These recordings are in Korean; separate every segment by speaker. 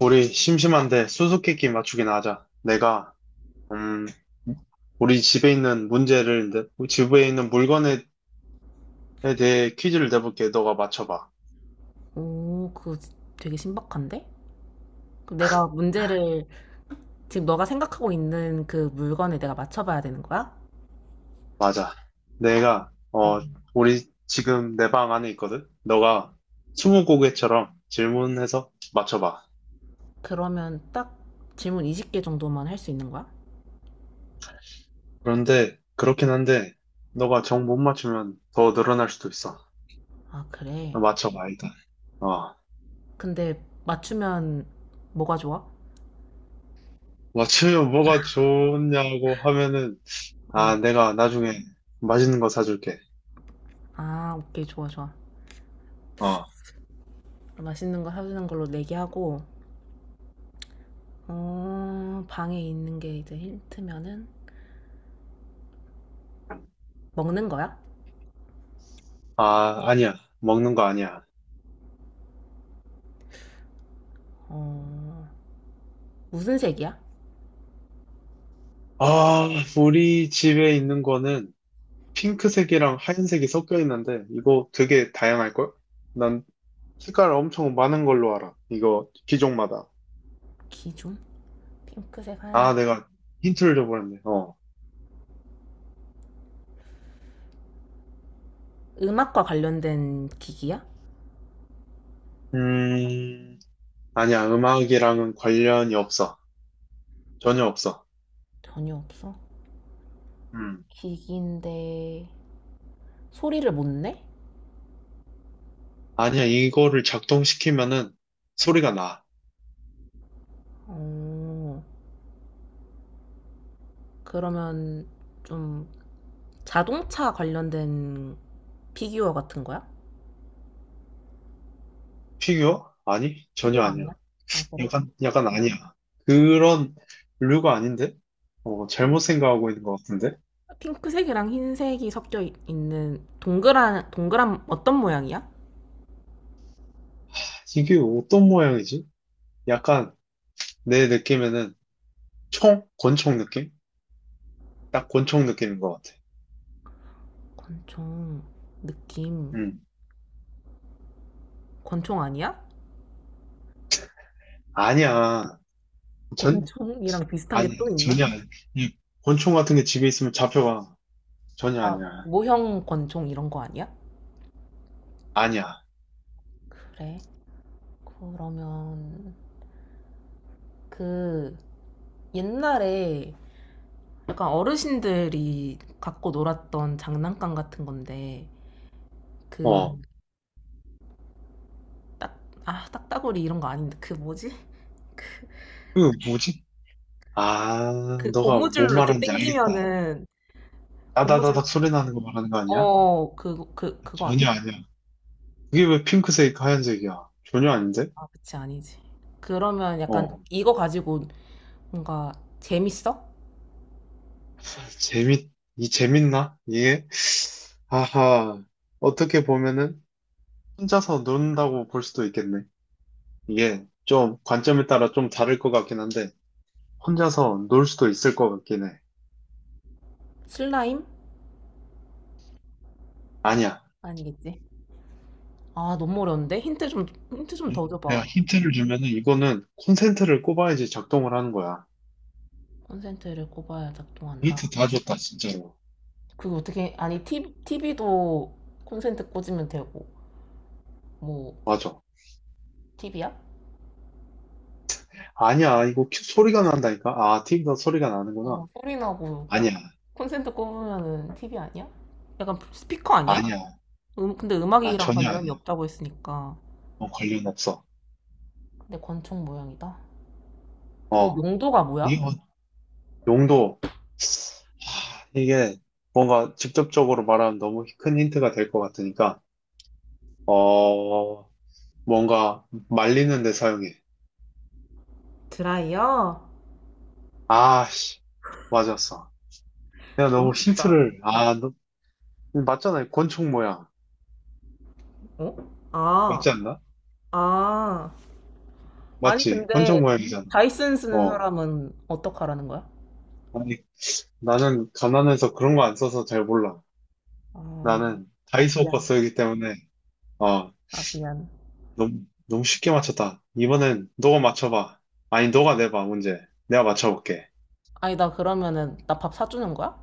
Speaker 1: 우리 심심한데 수수께끼 맞추기나 하자. 내가 음 우리 집에 있는 문제를 집에 있는 물건에 에 대해 퀴즈를 내볼게. 너가 맞춰봐.
Speaker 2: 오 그거 지- 되게 신박한데? 그럼 내가 문제를 지금 너가 생각하고 있는 그 물건에 내가 맞춰봐야 되는 거야?
Speaker 1: 맞아. 내가
Speaker 2: 어,
Speaker 1: 우리 지금 내 방 안에 있거든. 너가 스무고개처럼 질문해서 맞춰봐.
Speaker 2: 그러면 딱 질문 20개 정도만 할 수 있는 거야?
Speaker 1: 그런데 그렇긴 한데 너가 정 못 맞추면 더 늘어날 수도 있어.
Speaker 2: 아, 그래.
Speaker 1: 맞춰봐 일단. 어
Speaker 2: 근데 맞추면 뭐가 좋아?
Speaker 1: 맞추면 뭐가 좋냐고 하면은
Speaker 2: 어.
Speaker 1: 아 내가 나중에 맛있는 거 사줄게.
Speaker 2: 아, 오케이. 좋아, 좋아.
Speaker 1: 어,
Speaker 2: 맛있는 거 사주는 걸로 내기하고, 방에 있는 게 이제 힌트면은 먹는 거야?
Speaker 1: 아, 아니야. 먹는 거 아니야.
Speaker 2: 어, 무슨 색이야?
Speaker 1: 아, 우리 집에 있는 거는 핑크색이랑 하얀색이 섞여 있는데, 이거 되게 다양할걸? 난 색깔 엄청 많은 걸로 알아. 이거 기종마다.
Speaker 2: 기준? 핑크색 한.
Speaker 1: 아, 내가 힌트를 줘버렸네. 어.
Speaker 2: 음악과 관련된 기기야?
Speaker 1: 음, 아니야. 음악이랑은 관련이 없어. 전혀 없어.
Speaker 2: 전혀 없어.
Speaker 1: 음.
Speaker 2: 기기인데 소리를 못 내?
Speaker 1: 아니야. 이거를 작동시키면은 소리가 나.
Speaker 2: 어, 그러면 좀 자동차 관련된 피규어 같은 거야?
Speaker 1: 피규어? 아니, 전혀
Speaker 2: 피규어
Speaker 1: 아니야.
Speaker 2: 아니야? 아, 그래?
Speaker 1: 약간, 약간 아니야. 그런 류가 아닌데?
Speaker 2: 핑-
Speaker 1: 잘못 생각하고 있는 것 같은데?
Speaker 2: 핑크색이랑 흰색이 섞여 있는 동그란 어떤 모양이야?
Speaker 1: 이게 어떤 모양이지? 약간 내 느낌에는 총? 권총 느낌? 딱 권총 느낌인 것 같아.
Speaker 2: 권총 느낌.
Speaker 1: 음.
Speaker 2: 권총 아니야?
Speaker 1: 아니야. 전,
Speaker 2: 권총이랑 비슷한 게
Speaker 1: 아니야.
Speaker 2: 또 있나?
Speaker 1: 전혀 아니야. 이 권총 같은 게 집에 있으면 잡혀가. 전혀
Speaker 2: 아,
Speaker 1: 아니야.
Speaker 2: 모형 권총 이런 거 아니야?
Speaker 1: 아니야.
Speaker 2: 그래. 그러면 그 옛날에 약간 어르신들이 갖고 놀았던 장난감 같은 건데 그
Speaker 1: 어.
Speaker 2: 음. 딱, 아, 딱따구리 이런 거 아닌데 그 뭐지?
Speaker 1: 그 뭐지? 아,
Speaker 2: 그
Speaker 1: 너가
Speaker 2: 고무줄로
Speaker 1: 뭔
Speaker 2: 이렇게
Speaker 1: 말하는지 알겠다.
Speaker 2: 당기면은 고무줄
Speaker 1: 따다다닥
Speaker 2: 음.
Speaker 1: 소리 나는 거 말하는 거 아니야?
Speaker 2: 그거
Speaker 1: 전혀
Speaker 2: 아니야.
Speaker 1: 아니야. 그게 왜 핑크색, 하얀색이야? 전혀 아닌데?
Speaker 2: 아, 그치, 아니지. 그러면
Speaker 1: 어.
Speaker 2: 약간 이거 가지고 뭔가 재밌어?
Speaker 1: 재밌, 이 재밌나? 이게? 아하, 어떻게 보면은 혼자서 논다고 볼 수도 있겠네. 이게 좀 관점에 따라 좀 다를 것 같긴 한데, 혼자서 놀 수도 있을 것 같긴 해.
Speaker 2: 슬라임?
Speaker 1: 아니야.
Speaker 2: 아니겠지. 아, 너무 어려운데? 힌트 좀 더
Speaker 1: 내가
Speaker 2: 줘봐.
Speaker 1: 힌트를 주면은 이거는 콘센트를 꼽아야지 작동을 하는 거야.
Speaker 2: 콘센트를 꼽아야
Speaker 1: 힌트
Speaker 2: 작동한다.
Speaker 1: 다 줬다, 진짜로.
Speaker 2: 그게 어떻게, 아니, TV도 콘센트 꽂으면 되고, 뭐,
Speaker 1: 맞아.
Speaker 2: TV야?
Speaker 1: 아니야, 이거 소리가 난다니까? 아, 티비가 소리가
Speaker 2: 어,
Speaker 1: 나는구나.
Speaker 2: 소리 나고
Speaker 1: 아니야,
Speaker 2: 콘센트 꼽으면은 TV 아니야? 약간 스피커 아니야?
Speaker 1: 아니야.
Speaker 2: 근데
Speaker 1: 아,
Speaker 2: 음악이랑
Speaker 1: 전혀
Speaker 2: 관련이
Speaker 1: 아니야.
Speaker 2: 없다고 했으니까.
Speaker 1: 어, 관련 없어.
Speaker 2: 근데 권총 모양이다. 그
Speaker 1: 어,
Speaker 2: 용도가 뭐야?
Speaker 1: 이거 용도. 이게 뭔가 직접적으로 말하면 너무 큰 힌트가 될 것 같으니까, 어, 뭔가 말리는 데 사용해.
Speaker 2: 드라이어?
Speaker 1: 아, 씨, 맞았어. 내가
Speaker 2: 너무
Speaker 1: 너무
Speaker 2: 쉽다.
Speaker 1: 힌트를, 아, 맞잖아. 권총 모양.
Speaker 2: 어? 아,
Speaker 1: 맞지 않나?
Speaker 2: 아. 아니,
Speaker 1: 맞지?
Speaker 2: 근데
Speaker 1: 권총 모양이잖아.
Speaker 2: 다이슨 쓰는
Speaker 1: 어.
Speaker 2: 사람은 어떡하라는 거야?
Speaker 1: 아니, 나는 가난해서 그런 거 안 써서 잘 몰라.
Speaker 2: 아,
Speaker 1: 나는
Speaker 2: 아,
Speaker 1: 다이소 거
Speaker 2: 미안.
Speaker 1: 쓰기 때문에, 어,
Speaker 2: 아, 미안.
Speaker 1: 너무, 너무 쉽게 맞췄다. 이번엔 너가 맞춰봐. 아니, 너가 내봐, 문제. 내가 맞춰볼게.
Speaker 2: 아니, 나 그러면은 나 밥 사주는 거야?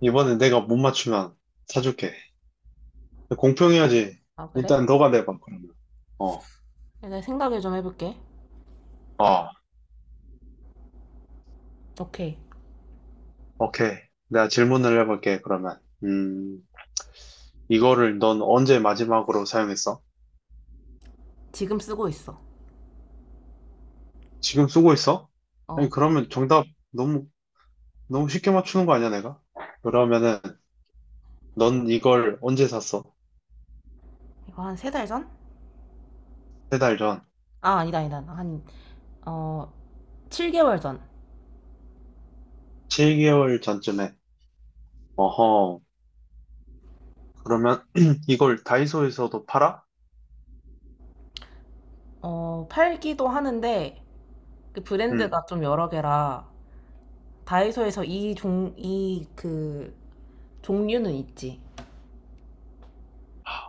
Speaker 1: 이번에 내가 못 맞추면 사줄게. 공평해야지.
Speaker 2: 아, 그래?
Speaker 1: 일단 너가 내봐, 그러면. 어,
Speaker 2: 내가 생각을 좀 해볼게.
Speaker 1: 어,
Speaker 2: 오케이.
Speaker 1: 오케이. 내가 질문을 해볼게, 그러면. 이거를 넌 언제 마지막으로 사용했어?
Speaker 2: 지금 쓰고 있어.
Speaker 1: 지금 쓰고 있어? 아니,
Speaker 2: 어,
Speaker 1: 그러면 정답 너무, 너무 쉽게 맞추는 거 아니야, 내가? 그러면은, 넌 이걸 언제 샀어?
Speaker 2: 이거 한 3달 전?
Speaker 1: 3달 전.
Speaker 2: 아, 아니다, 아니다. 한, 어, 7개월 전.
Speaker 1: 7개월 전쯤에. 어허. 그러면 이걸 다이소에서도 팔아?
Speaker 2: 어, 팔기도 하는데, 그
Speaker 1: 음.
Speaker 2: 브랜드가 좀 여러 개라, 다이소에서 이 종, 이 그, 종류는 있지.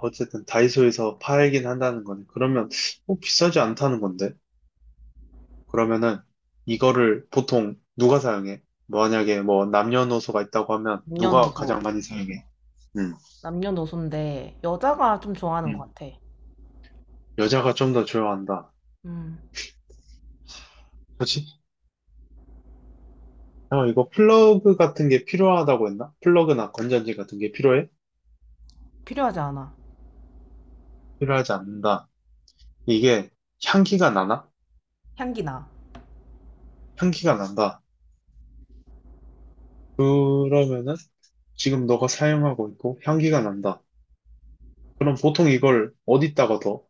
Speaker 1: 어쨌든 다이소에서 팔긴 한다는 거네. 그러면 뭐 비싸지 않다는 건데. 그러면은 이거를 보통 누가 사용해? 만약에 뭐 남녀노소가 있다고 하면 누가
Speaker 2: 남녀노소.
Speaker 1: 가장 많이 사용해? 음.
Speaker 2: 남녀노소인데, 여자가 좀 좋아하는 것
Speaker 1: 음.
Speaker 2: 같아.
Speaker 1: 여자가 좀 더 좋아한다.
Speaker 2: 음.
Speaker 1: 그렇지? 이거 플러그 같은 게 필요하다고 했나? 플러그나 건전지 같은 게 필요해?
Speaker 2: 필요하지 않아.
Speaker 1: 필요하지 않는다. 이게 향기가 나나?
Speaker 2: 향기나.
Speaker 1: 향기가 난다. 그러면은 지금 너가 사용하고 있고 향기가 난다. 그럼 보통 이걸 어디다가 더?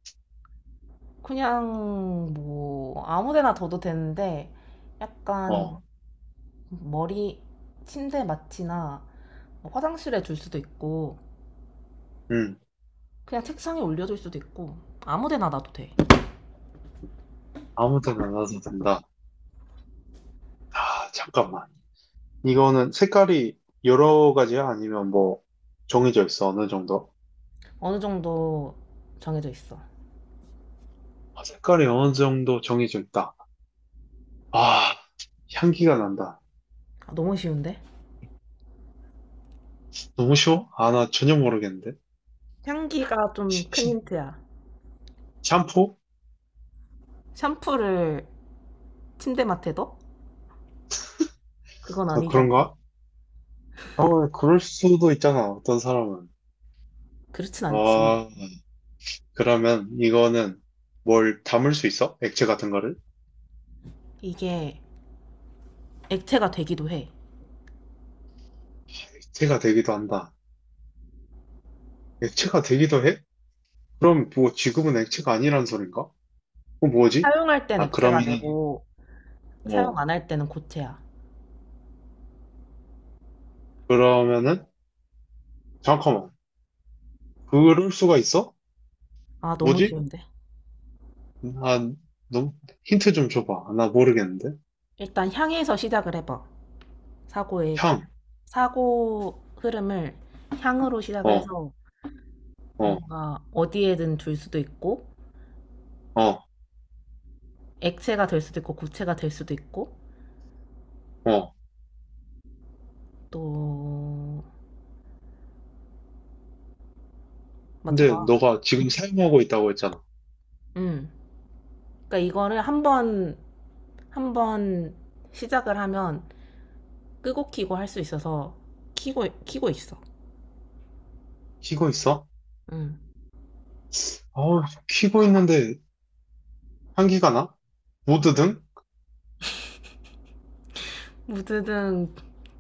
Speaker 2: 그냥, 뭐, 아무 데나 둬도 되는데, 약간,
Speaker 1: 어.
Speaker 2: 머리, 침대 마취나, 뭐 화장실에 둘 수도 있고,
Speaker 1: 음.
Speaker 2: 그냥 책상에 올려줄 수도 있고 아무데나 놔도 돼.
Speaker 1: 아무 데나 놔도 된다. 아, 잠깐만. 이거는 색깔이 여러 가지야? 아니면 뭐 정해져 있어? 어느 정도?
Speaker 2: 어느 정도 정해져 있어.
Speaker 1: 아, 색깔이 어느 정도 정해져 있다. 아, 향기가 난다.
Speaker 2: 아, 너무 쉬운데?
Speaker 1: 너무 쉬워? 아, 나 전혀 모르겠는데.
Speaker 2: 향기가 좀
Speaker 1: 시-
Speaker 2: 큰
Speaker 1: 시-
Speaker 2: 힌트야.
Speaker 1: 샴푸?
Speaker 2: 샴푸를 침대 맡에 둬? 그건
Speaker 1: 어,
Speaker 2: 아니잖아.
Speaker 1: 그런가? 그럴 수도 있잖아. 어떤 사람은.
Speaker 2: 그렇진 않지.
Speaker 1: 아, 그러면 이거는 뭘 담을 수 있어? 액체 같은 거를?
Speaker 2: 이게 액체가 되기도 해.
Speaker 1: 액체가 되기도 한다. 액체가 되기도 해? 그럼 뭐 지금은 액체가 아니란 소린가? 뭐지?
Speaker 2: 사용할 땐
Speaker 1: 아,
Speaker 2: 액체가 되고 사용
Speaker 1: 어,
Speaker 2: 안 할 때는 고체야.
Speaker 1: 그러면은, 잠깐만. 그럴 수가 있어?
Speaker 2: 아, 너무
Speaker 1: 뭐지?
Speaker 2: 쉬운데?
Speaker 1: 아, 너무, 힌트 좀 줘봐. 나 모르겠는데?
Speaker 2: 일단 향에서 시작을 해봐. 사고의
Speaker 1: 향,
Speaker 2: 사고 흐름을 향으로
Speaker 1: 어,
Speaker 2: 시작해서
Speaker 1: 어,
Speaker 2: 뭔가 어디에든 둘 수도 있고
Speaker 1: 어,
Speaker 2: 액체가 될 수도 있고 고체가 될 수도 있고
Speaker 1: 어.
Speaker 2: 또
Speaker 1: 근데
Speaker 2: 맞춰봐.
Speaker 1: 너가 지금 사용하고 있다고 했잖아.
Speaker 2: 음. 그러니까 이거를 한번 시작을 하면 끄고 키고 할 수 있어서 키고 있어.
Speaker 1: 키고 있어?
Speaker 2: 음.
Speaker 1: 어, 키고 있는데 향기가 나? 모드등?
Speaker 2: 무드등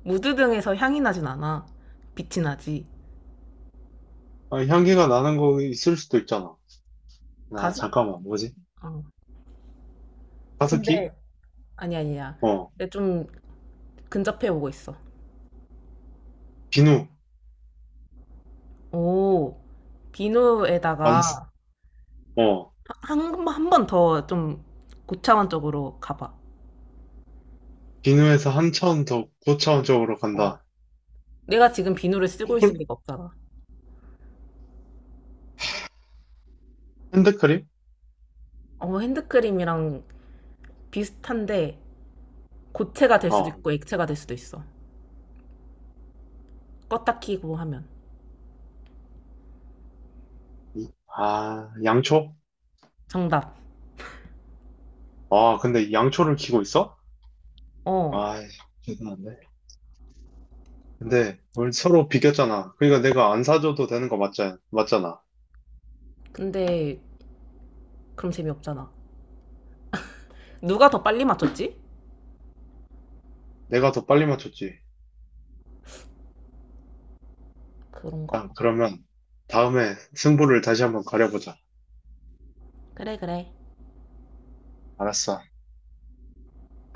Speaker 2: 무드등에서 향이 나진 않아. 빛이 나지.
Speaker 1: 아, 향기가 나는 거 있을 수도 있잖아. 아,
Speaker 2: 가습.
Speaker 1: 잠깐만. 뭐지?
Speaker 2: 어.
Speaker 1: 가습기?
Speaker 2: 근데 아니 아니야.
Speaker 1: 어,
Speaker 2: 근데 좀 근접해 오고 있어.
Speaker 1: 비누.
Speaker 2: 오.
Speaker 1: 완,
Speaker 2: 비누에다가
Speaker 1: 어,
Speaker 2: 한 번 더 좀 고차원적으로 가봐.
Speaker 1: 비누에서 한참 더 고차원적으로 간다.
Speaker 2: 내가 지금 비누를 쓰고 있을
Speaker 1: 콜?
Speaker 2: 리가 없잖아.
Speaker 1: 핸드크림?
Speaker 2: 어, 핸드크림이랑 비슷한데 고체가 될 수도
Speaker 1: 어.
Speaker 2: 있고 액체가 될 수도 있어. 껐다 키고 하면.
Speaker 1: 아, 양초?
Speaker 2: 정답.
Speaker 1: 아, 근데 양초를 키고 있어?
Speaker 2: 어.
Speaker 1: 아, 대단한데. 근데 우리 서로 비겼잖아. 그러니까 내가 안 사줘도 되는 거 맞자, 맞잖아.
Speaker 2: 근데 그럼 재미없잖아. 누가 더 빨리 맞췄지?
Speaker 1: 내가 더 빨리 맞췄지.
Speaker 2: 그런가?
Speaker 1: 일 그러면 다음에 승부를 다시 한번 가려보자.
Speaker 2: 그래, 그래.
Speaker 1: 알았어.